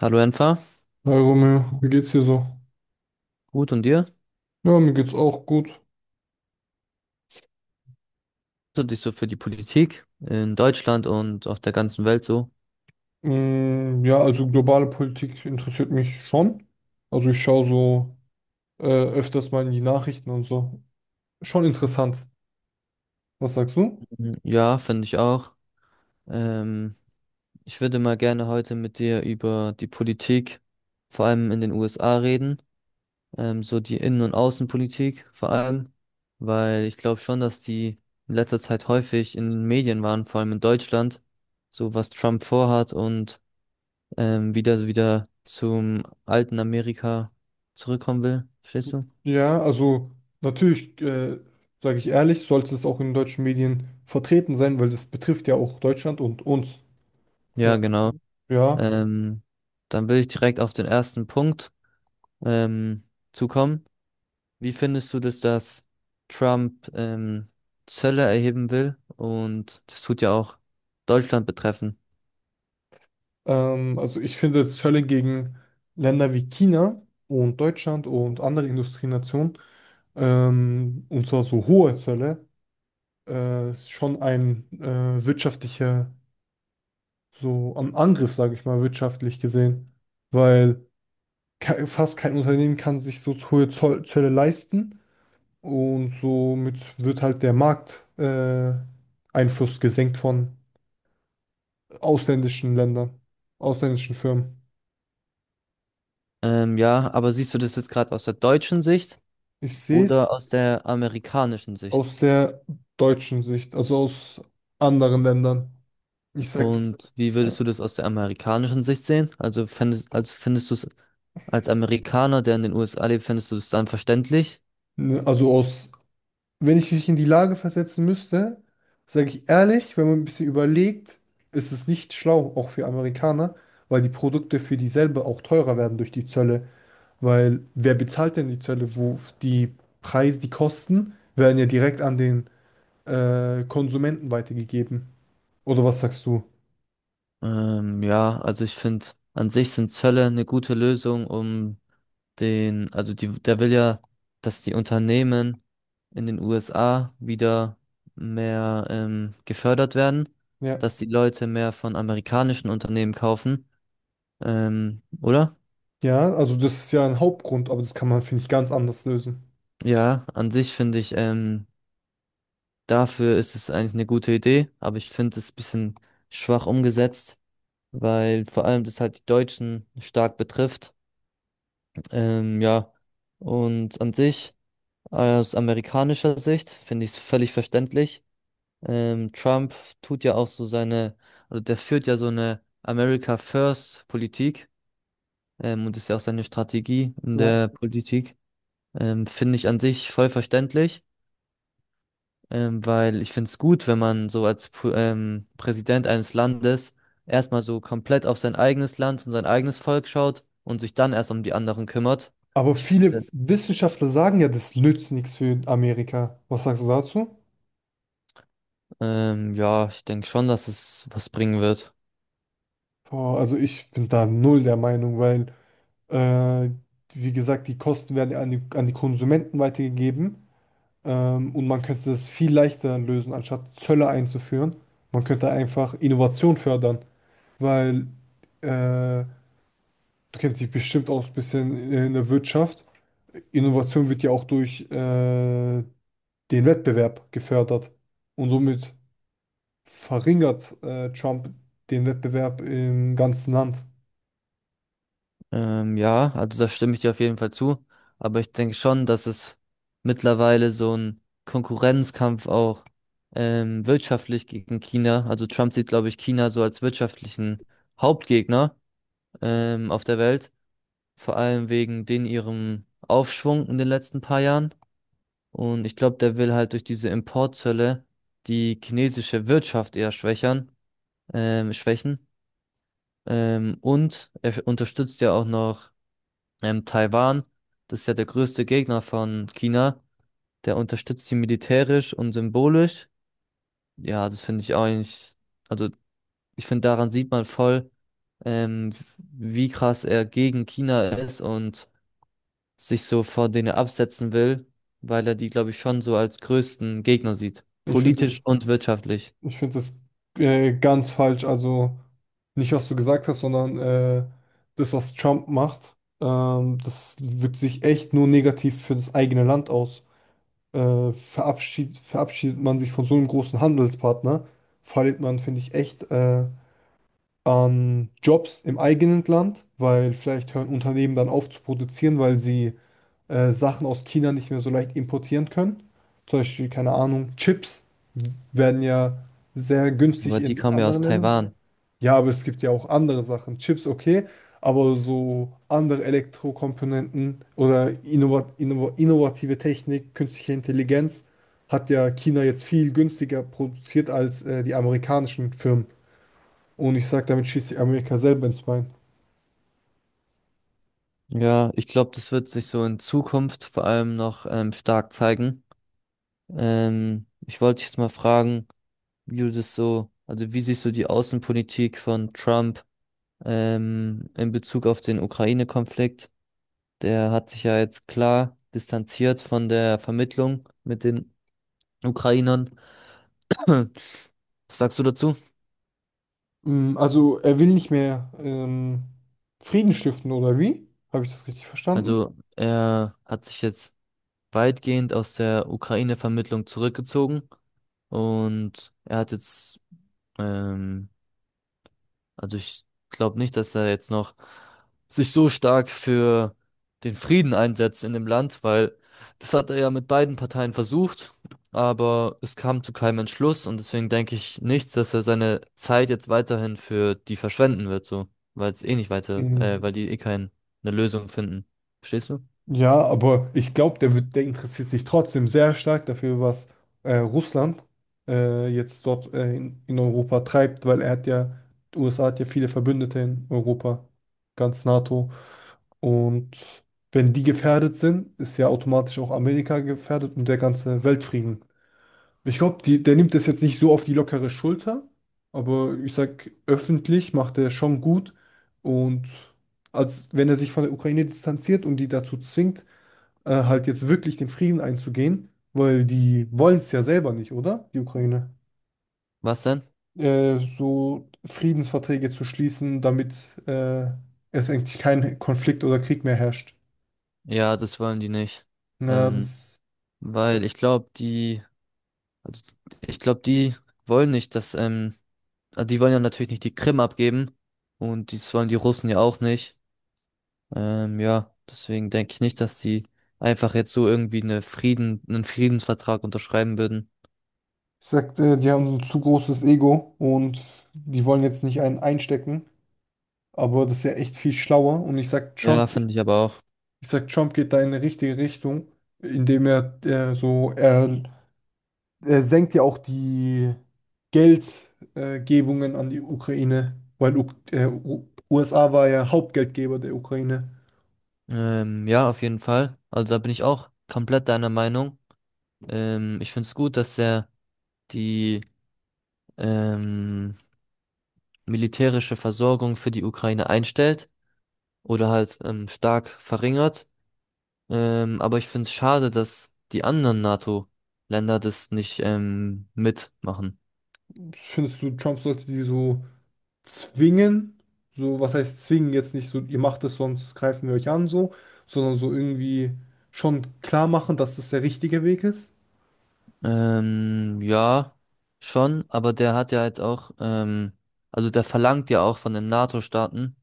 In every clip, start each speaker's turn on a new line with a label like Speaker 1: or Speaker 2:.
Speaker 1: Hallo Enfa,
Speaker 2: Hi Romeo, wie geht's dir so?
Speaker 1: gut und dir?
Speaker 2: Ja, mir geht's auch gut.
Speaker 1: Du dich so für die Politik in Deutschland und auf der ganzen Welt so?
Speaker 2: Mm, ja, also globale Politik interessiert mich schon. Also ich schaue so öfters mal in die Nachrichten und so. Schon interessant. Was sagst du?
Speaker 1: Mhm. Ja, finde ich auch. Ähm, Ich würde mal gerne heute mit dir über die Politik, vor allem in den USA reden, so die Innen- und Außenpolitik vor allem, weil ich glaube schon, dass die in letzter Zeit häufig in den Medien waren, vor allem in Deutschland, so was Trump vorhat und wieder zum alten Amerika zurückkommen will. Verstehst du?
Speaker 2: Ja, also natürlich, sage ich ehrlich, sollte es auch in deutschen Medien vertreten sein, weil das betrifft ja auch Deutschland und uns. Äh,
Speaker 1: Ja, genau.
Speaker 2: ja,
Speaker 1: Ähm, Dann will ich direkt auf den ersten Punkt ähm, zukommen. Wie findest du das, dass Trump Zölle erheben will? Und das tut ja auch Deutschland betreffen.
Speaker 2: also ich finde Zölle gegen Länder wie China und Deutschland und andere Industrienationen. Und zwar so hohe Zölle, ist schon ein wirtschaftlicher, so am Angriff, sage ich mal, wirtschaftlich gesehen, weil ke fast kein Unternehmen kann sich so hohe Zoll Zölle leisten und somit wird halt der Markt Einfluss gesenkt von ausländischen Ländern, ausländischen Firmen.
Speaker 1: Ja, aber siehst du das jetzt gerade aus der deutschen Sicht
Speaker 2: Ich sehe
Speaker 1: oder
Speaker 2: es
Speaker 1: aus der amerikanischen Sicht?
Speaker 2: aus der deutschen Sicht, also aus anderen Ländern. Ich sag,
Speaker 1: Und wie würdest du das aus der amerikanischen Sicht sehen? Also fändest, also findest du es als Amerikaner, der in den USA lebt, findest du es dann verständlich?
Speaker 2: ne, Also aus wenn ich mich in die Lage versetzen müsste, sage ich ehrlich, wenn man ein bisschen überlegt, ist es nicht schlau, auch für Amerikaner, weil die Produkte für dieselbe auch teurer werden durch die Zölle. Weil wer bezahlt denn die Zölle? Wo die Preise, die Kosten werden ja direkt an den Konsumenten weitergegeben. Oder was sagst du?
Speaker 1: Ja, also ich finde, an sich sind Zölle eine gute Lösung, um den, also die, der will ja, dass die Unternehmen in den USA wieder mehr gefördert werden, dass
Speaker 2: Ja.
Speaker 1: die Leute mehr von amerikanischen Unternehmen kaufen, oder?
Speaker 2: Ja, also das ist ja ein Hauptgrund, aber das kann man, finde ich, ganz anders lösen.
Speaker 1: Ja, an sich finde ich, dafür ist es eigentlich eine gute Idee, aber ich finde es ein bisschen schwach umgesetzt, weil vor allem das halt die Deutschen stark betrifft. Ja, und an sich, aus amerikanischer Sicht, finde ich es völlig verständlich. Trump tut ja auch so seine, also der führt ja so eine America First Politik, und ist ja auch seine Strategie in
Speaker 2: Ja.
Speaker 1: der Politik. Finde ich an sich voll verständlich, weil ich finde es gut, wenn man so als Präsident eines Landes erstmal so komplett auf sein eigenes Land und sein eigenes Volk schaut und sich dann erst um die anderen kümmert.
Speaker 2: Aber viele Wissenschaftler sagen ja, das nützt nichts für Amerika. Was sagst du dazu?
Speaker 1: Ja, ich denke schon, dass es was bringen wird.
Speaker 2: Boah, also ich bin da null der Meinung, weil, äh, wie gesagt, die Kosten werden an die Konsumenten weitergegeben, und man könnte das viel leichter lösen, anstatt Zölle einzuführen. Man könnte einfach Innovation fördern, weil, äh, du kennst dich bestimmt auch ein bisschen in der Wirtschaft. Innovation wird ja auch durch, den Wettbewerb gefördert und somit verringert, Trump den Wettbewerb im ganzen Land.
Speaker 1: Ja, also da stimme ich dir auf jeden Fall zu. Aber ich denke schon, dass es mittlerweile so ein Konkurrenzkampf auch wirtschaftlich gegen China. Also Trump sieht, glaube ich, China so als wirtschaftlichen Hauptgegner auf der Welt. Vor allem wegen den ihrem Aufschwung in den letzten paar Jahren. Und ich glaube, der will halt durch diese Importzölle die chinesische Wirtschaft eher schwächern, schwächen. Und er unterstützt ja auch noch Taiwan. Das ist ja der größte Gegner von China. Der unterstützt sie militärisch und symbolisch. Ja, das finde ich auch eigentlich, also ich finde, daran sieht man voll, ähm, wie krass er gegen China ist und sich so vor denen absetzen will, weil er die, glaube ich, schon so als größten Gegner sieht.
Speaker 2: Ich finde
Speaker 1: Politisch
Speaker 2: es
Speaker 1: und wirtschaftlich.
Speaker 2: Ich finde das ganz falsch. Also nicht, was du gesagt hast, sondern das, was Trump macht, das wirkt sich echt nur negativ für das eigene Land aus. Verabschiedet man sich von so einem großen Handelspartner, verliert man, finde ich, echt an Jobs im eigenen Land, weil vielleicht hören Unternehmen dann auf zu produzieren, weil sie Sachen aus China nicht mehr so leicht importieren können. Zum Beispiel, keine Ahnung, Chips werden ja sehr
Speaker 1: Ja,
Speaker 2: günstig
Speaker 1: aber die
Speaker 2: in
Speaker 1: kommen ja aus
Speaker 2: anderen Ländern.
Speaker 1: Taiwan.
Speaker 2: Ja, aber es gibt ja auch andere Sachen. Chips, okay, aber so andere Elektrokomponenten oder innovative Technik, künstliche Intelligenz hat ja China jetzt viel günstiger produziert als die amerikanischen Firmen. Und ich sage, damit schießt sich Amerika selber ins Bein.
Speaker 1: Ja, ich glaube, das wird sich so in Zukunft vor allem noch stark zeigen. Ich wollte dich jetzt mal fragen, wie du das so, also wie siehst du die Außenpolitik von Trump in Bezug auf den Ukraine-Konflikt? Der hat sich ja jetzt klar distanziert von der Vermittlung mit den Ukrainern. Was sagst du dazu?
Speaker 2: Also er will nicht mehr Frieden stiften, oder wie? Habe ich das richtig verstanden?
Speaker 1: Also er hat sich jetzt weitgehend aus der Ukraine-Vermittlung zurückgezogen und er hat jetzt ähm, also ich glaube nicht, dass er jetzt noch sich so stark für den Frieden einsetzt in dem Land, weil das hat er ja mit beiden Parteien versucht, aber es kam zu keinem Entschluss und deswegen denke ich nicht, dass er seine Zeit jetzt weiterhin für die verschwenden wird, so, weil es eh nicht weiter,
Speaker 2: Mhm.
Speaker 1: weil die eh keine Lösung finden. Verstehst du?
Speaker 2: Ja, aber ich glaube, der interessiert sich trotzdem sehr stark dafür, was Russland jetzt dort in Europa treibt, weil er hat ja, die USA hat ja viele Verbündete in Europa, ganz NATO. Und wenn die gefährdet sind, ist ja automatisch auch Amerika gefährdet und der ganze Weltfrieden. Ich glaube, der nimmt das jetzt nicht so auf die lockere Schulter, aber ich sag, öffentlich macht er schon gut. Und als wenn er sich von der Ukraine distanziert und die dazu zwingt, halt jetzt wirklich den Frieden einzugehen, weil die wollen es ja selber nicht, oder? Die Ukraine.
Speaker 1: Was denn?
Speaker 2: So Friedensverträge zu schließen, damit äh, es eigentlich kein Konflikt oder Krieg mehr herrscht.
Speaker 1: Ja, das wollen die nicht.
Speaker 2: Na, mhm.
Speaker 1: Ähm, Weil ich glaube, die, also ich glaube, die wollen nicht, dass also die wollen ja natürlich nicht die Krim abgeben und das wollen die Russen ja auch nicht. Ja, deswegen denke ich nicht, dass die einfach jetzt so irgendwie eine Frieden, einen Friedensvertrag unterschreiben würden.
Speaker 2: Ich sag, die haben ein zu großes Ego und die wollen jetzt nicht einen einstecken. Aber das ist ja echt viel schlauer. Und ich sag,
Speaker 1: Ja. Ja, finde ich aber auch.
Speaker 2: Trump geht da in eine richtige Richtung, indem er senkt ja auch die Geldgebungen Gebungen an die Ukraine, weil U U USA war ja Hauptgeldgeber der Ukraine.
Speaker 1: Ja, auf jeden Fall. Also da bin ich auch komplett deiner Meinung. Ich finde es gut, dass er die ähm, militärische Versorgung für die Ukraine einstellt oder halt stark verringert. Aber ich finde es schade, dass die anderen NATO-Länder das nicht mitmachen.
Speaker 2: Findest du, Trump sollte die so zwingen? So, was heißt zwingen? Jetzt nicht so, ihr macht es, sonst greifen wir euch an, so, sondern so irgendwie schon klar machen, dass das der richtige Weg ist.
Speaker 1: Ja, schon, aber der hat ja jetzt auch, also der verlangt ja auch von den NATO-Staaten,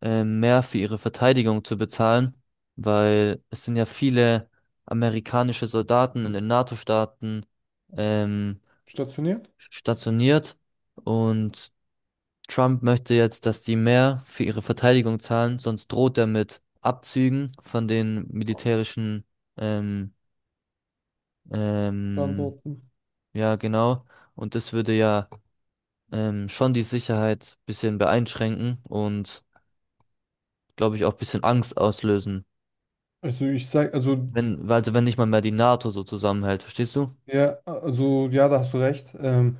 Speaker 1: mehr für ihre Verteidigung zu bezahlen, weil es sind ja viele amerikanische Soldaten in den NATO-Staaten ähm,
Speaker 2: Stationiert.
Speaker 1: stationiert und Trump möchte jetzt, dass die mehr für ihre Verteidigung zahlen, sonst droht er mit Abzügen von den militärischen, ähm, ähm,
Speaker 2: Standort.
Speaker 1: ja, genau. Und das würde ja schon die Sicherheit bisschen beeinschränken und, glaube ich, auch bisschen Angst auslösen.
Speaker 2: Also ich sag,
Speaker 1: Wenn, weil- also wenn nicht mal mehr die NATO so zusammenhält, verstehst du?
Speaker 2: also ja, da hast du recht. Ähm,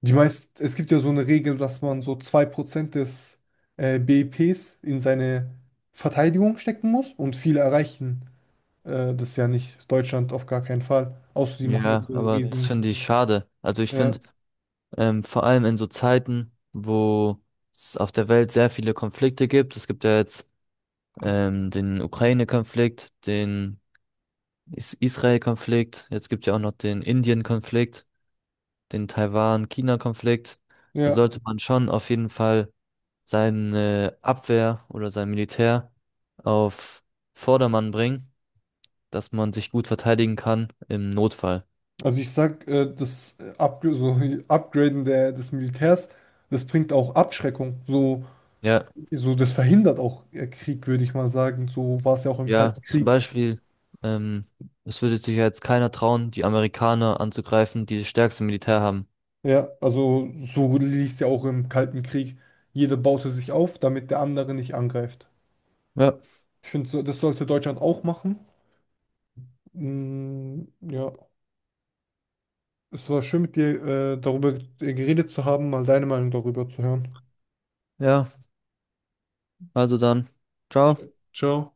Speaker 2: die meist, Es gibt ja so eine Regel, dass man so 2% des BIPs in seine Verteidigung stecken muss und viele erreichen das ja nicht. Deutschland auf gar keinen Fall. Außer die machen jetzt
Speaker 1: Ja,
Speaker 2: so einen, nee,
Speaker 1: aber das
Speaker 2: riesen.
Speaker 1: finde ich schade. Also ich
Speaker 2: Ja,
Speaker 1: finde, vor allem in so Zeiten, wo es auf der Welt sehr viele Konflikte gibt, es gibt ja jetzt den Ukraine-Konflikt, den Is Israel-Konflikt, jetzt gibt es ja auch noch den Indien-Konflikt, den Taiwan-China-Konflikt. Da
Speaker 2: ja.
Speaker 1: sollte man schon auf jeden Fall seine Abwehr oder sein Militär auf Vordermann bringen, dass man sich gut verteidigen kann im Notfall.
Speaker 2: Also ich sag, das Up so Upgraden des Militärs, das bringt auch Abschreckung. So,
Speaker 1: Ja,
Speaker 2: so das verhindert auch Krieg, würde ich mal sagen. So war es ja auch im
Speaker 1: ja,
Speaker 2: Kalten
Speaker 1: zum
Speaker 2: Krieg.
Speaker 1: Beispiel, ähm, es würde sich ja jetzt keiner trauen, die Amerikaner anzugreifen, die das stärkste Militär haben.
Speaker 2: Ja, also so lief es ja auch im Kalten Krieg. Jeder baute sich auf, damit der andere nicht angreift.
Speaker 1: Ja,
Speaker 2: Ich finde, so, das sollte Deutschland auch machen. Mm, ja, es war schön mit dir darüber geredet zu haben, mal deine Meinung darüber zu hören.
Speaker 1: ja, also dann. Ciao.
Speaker 2: Ciao.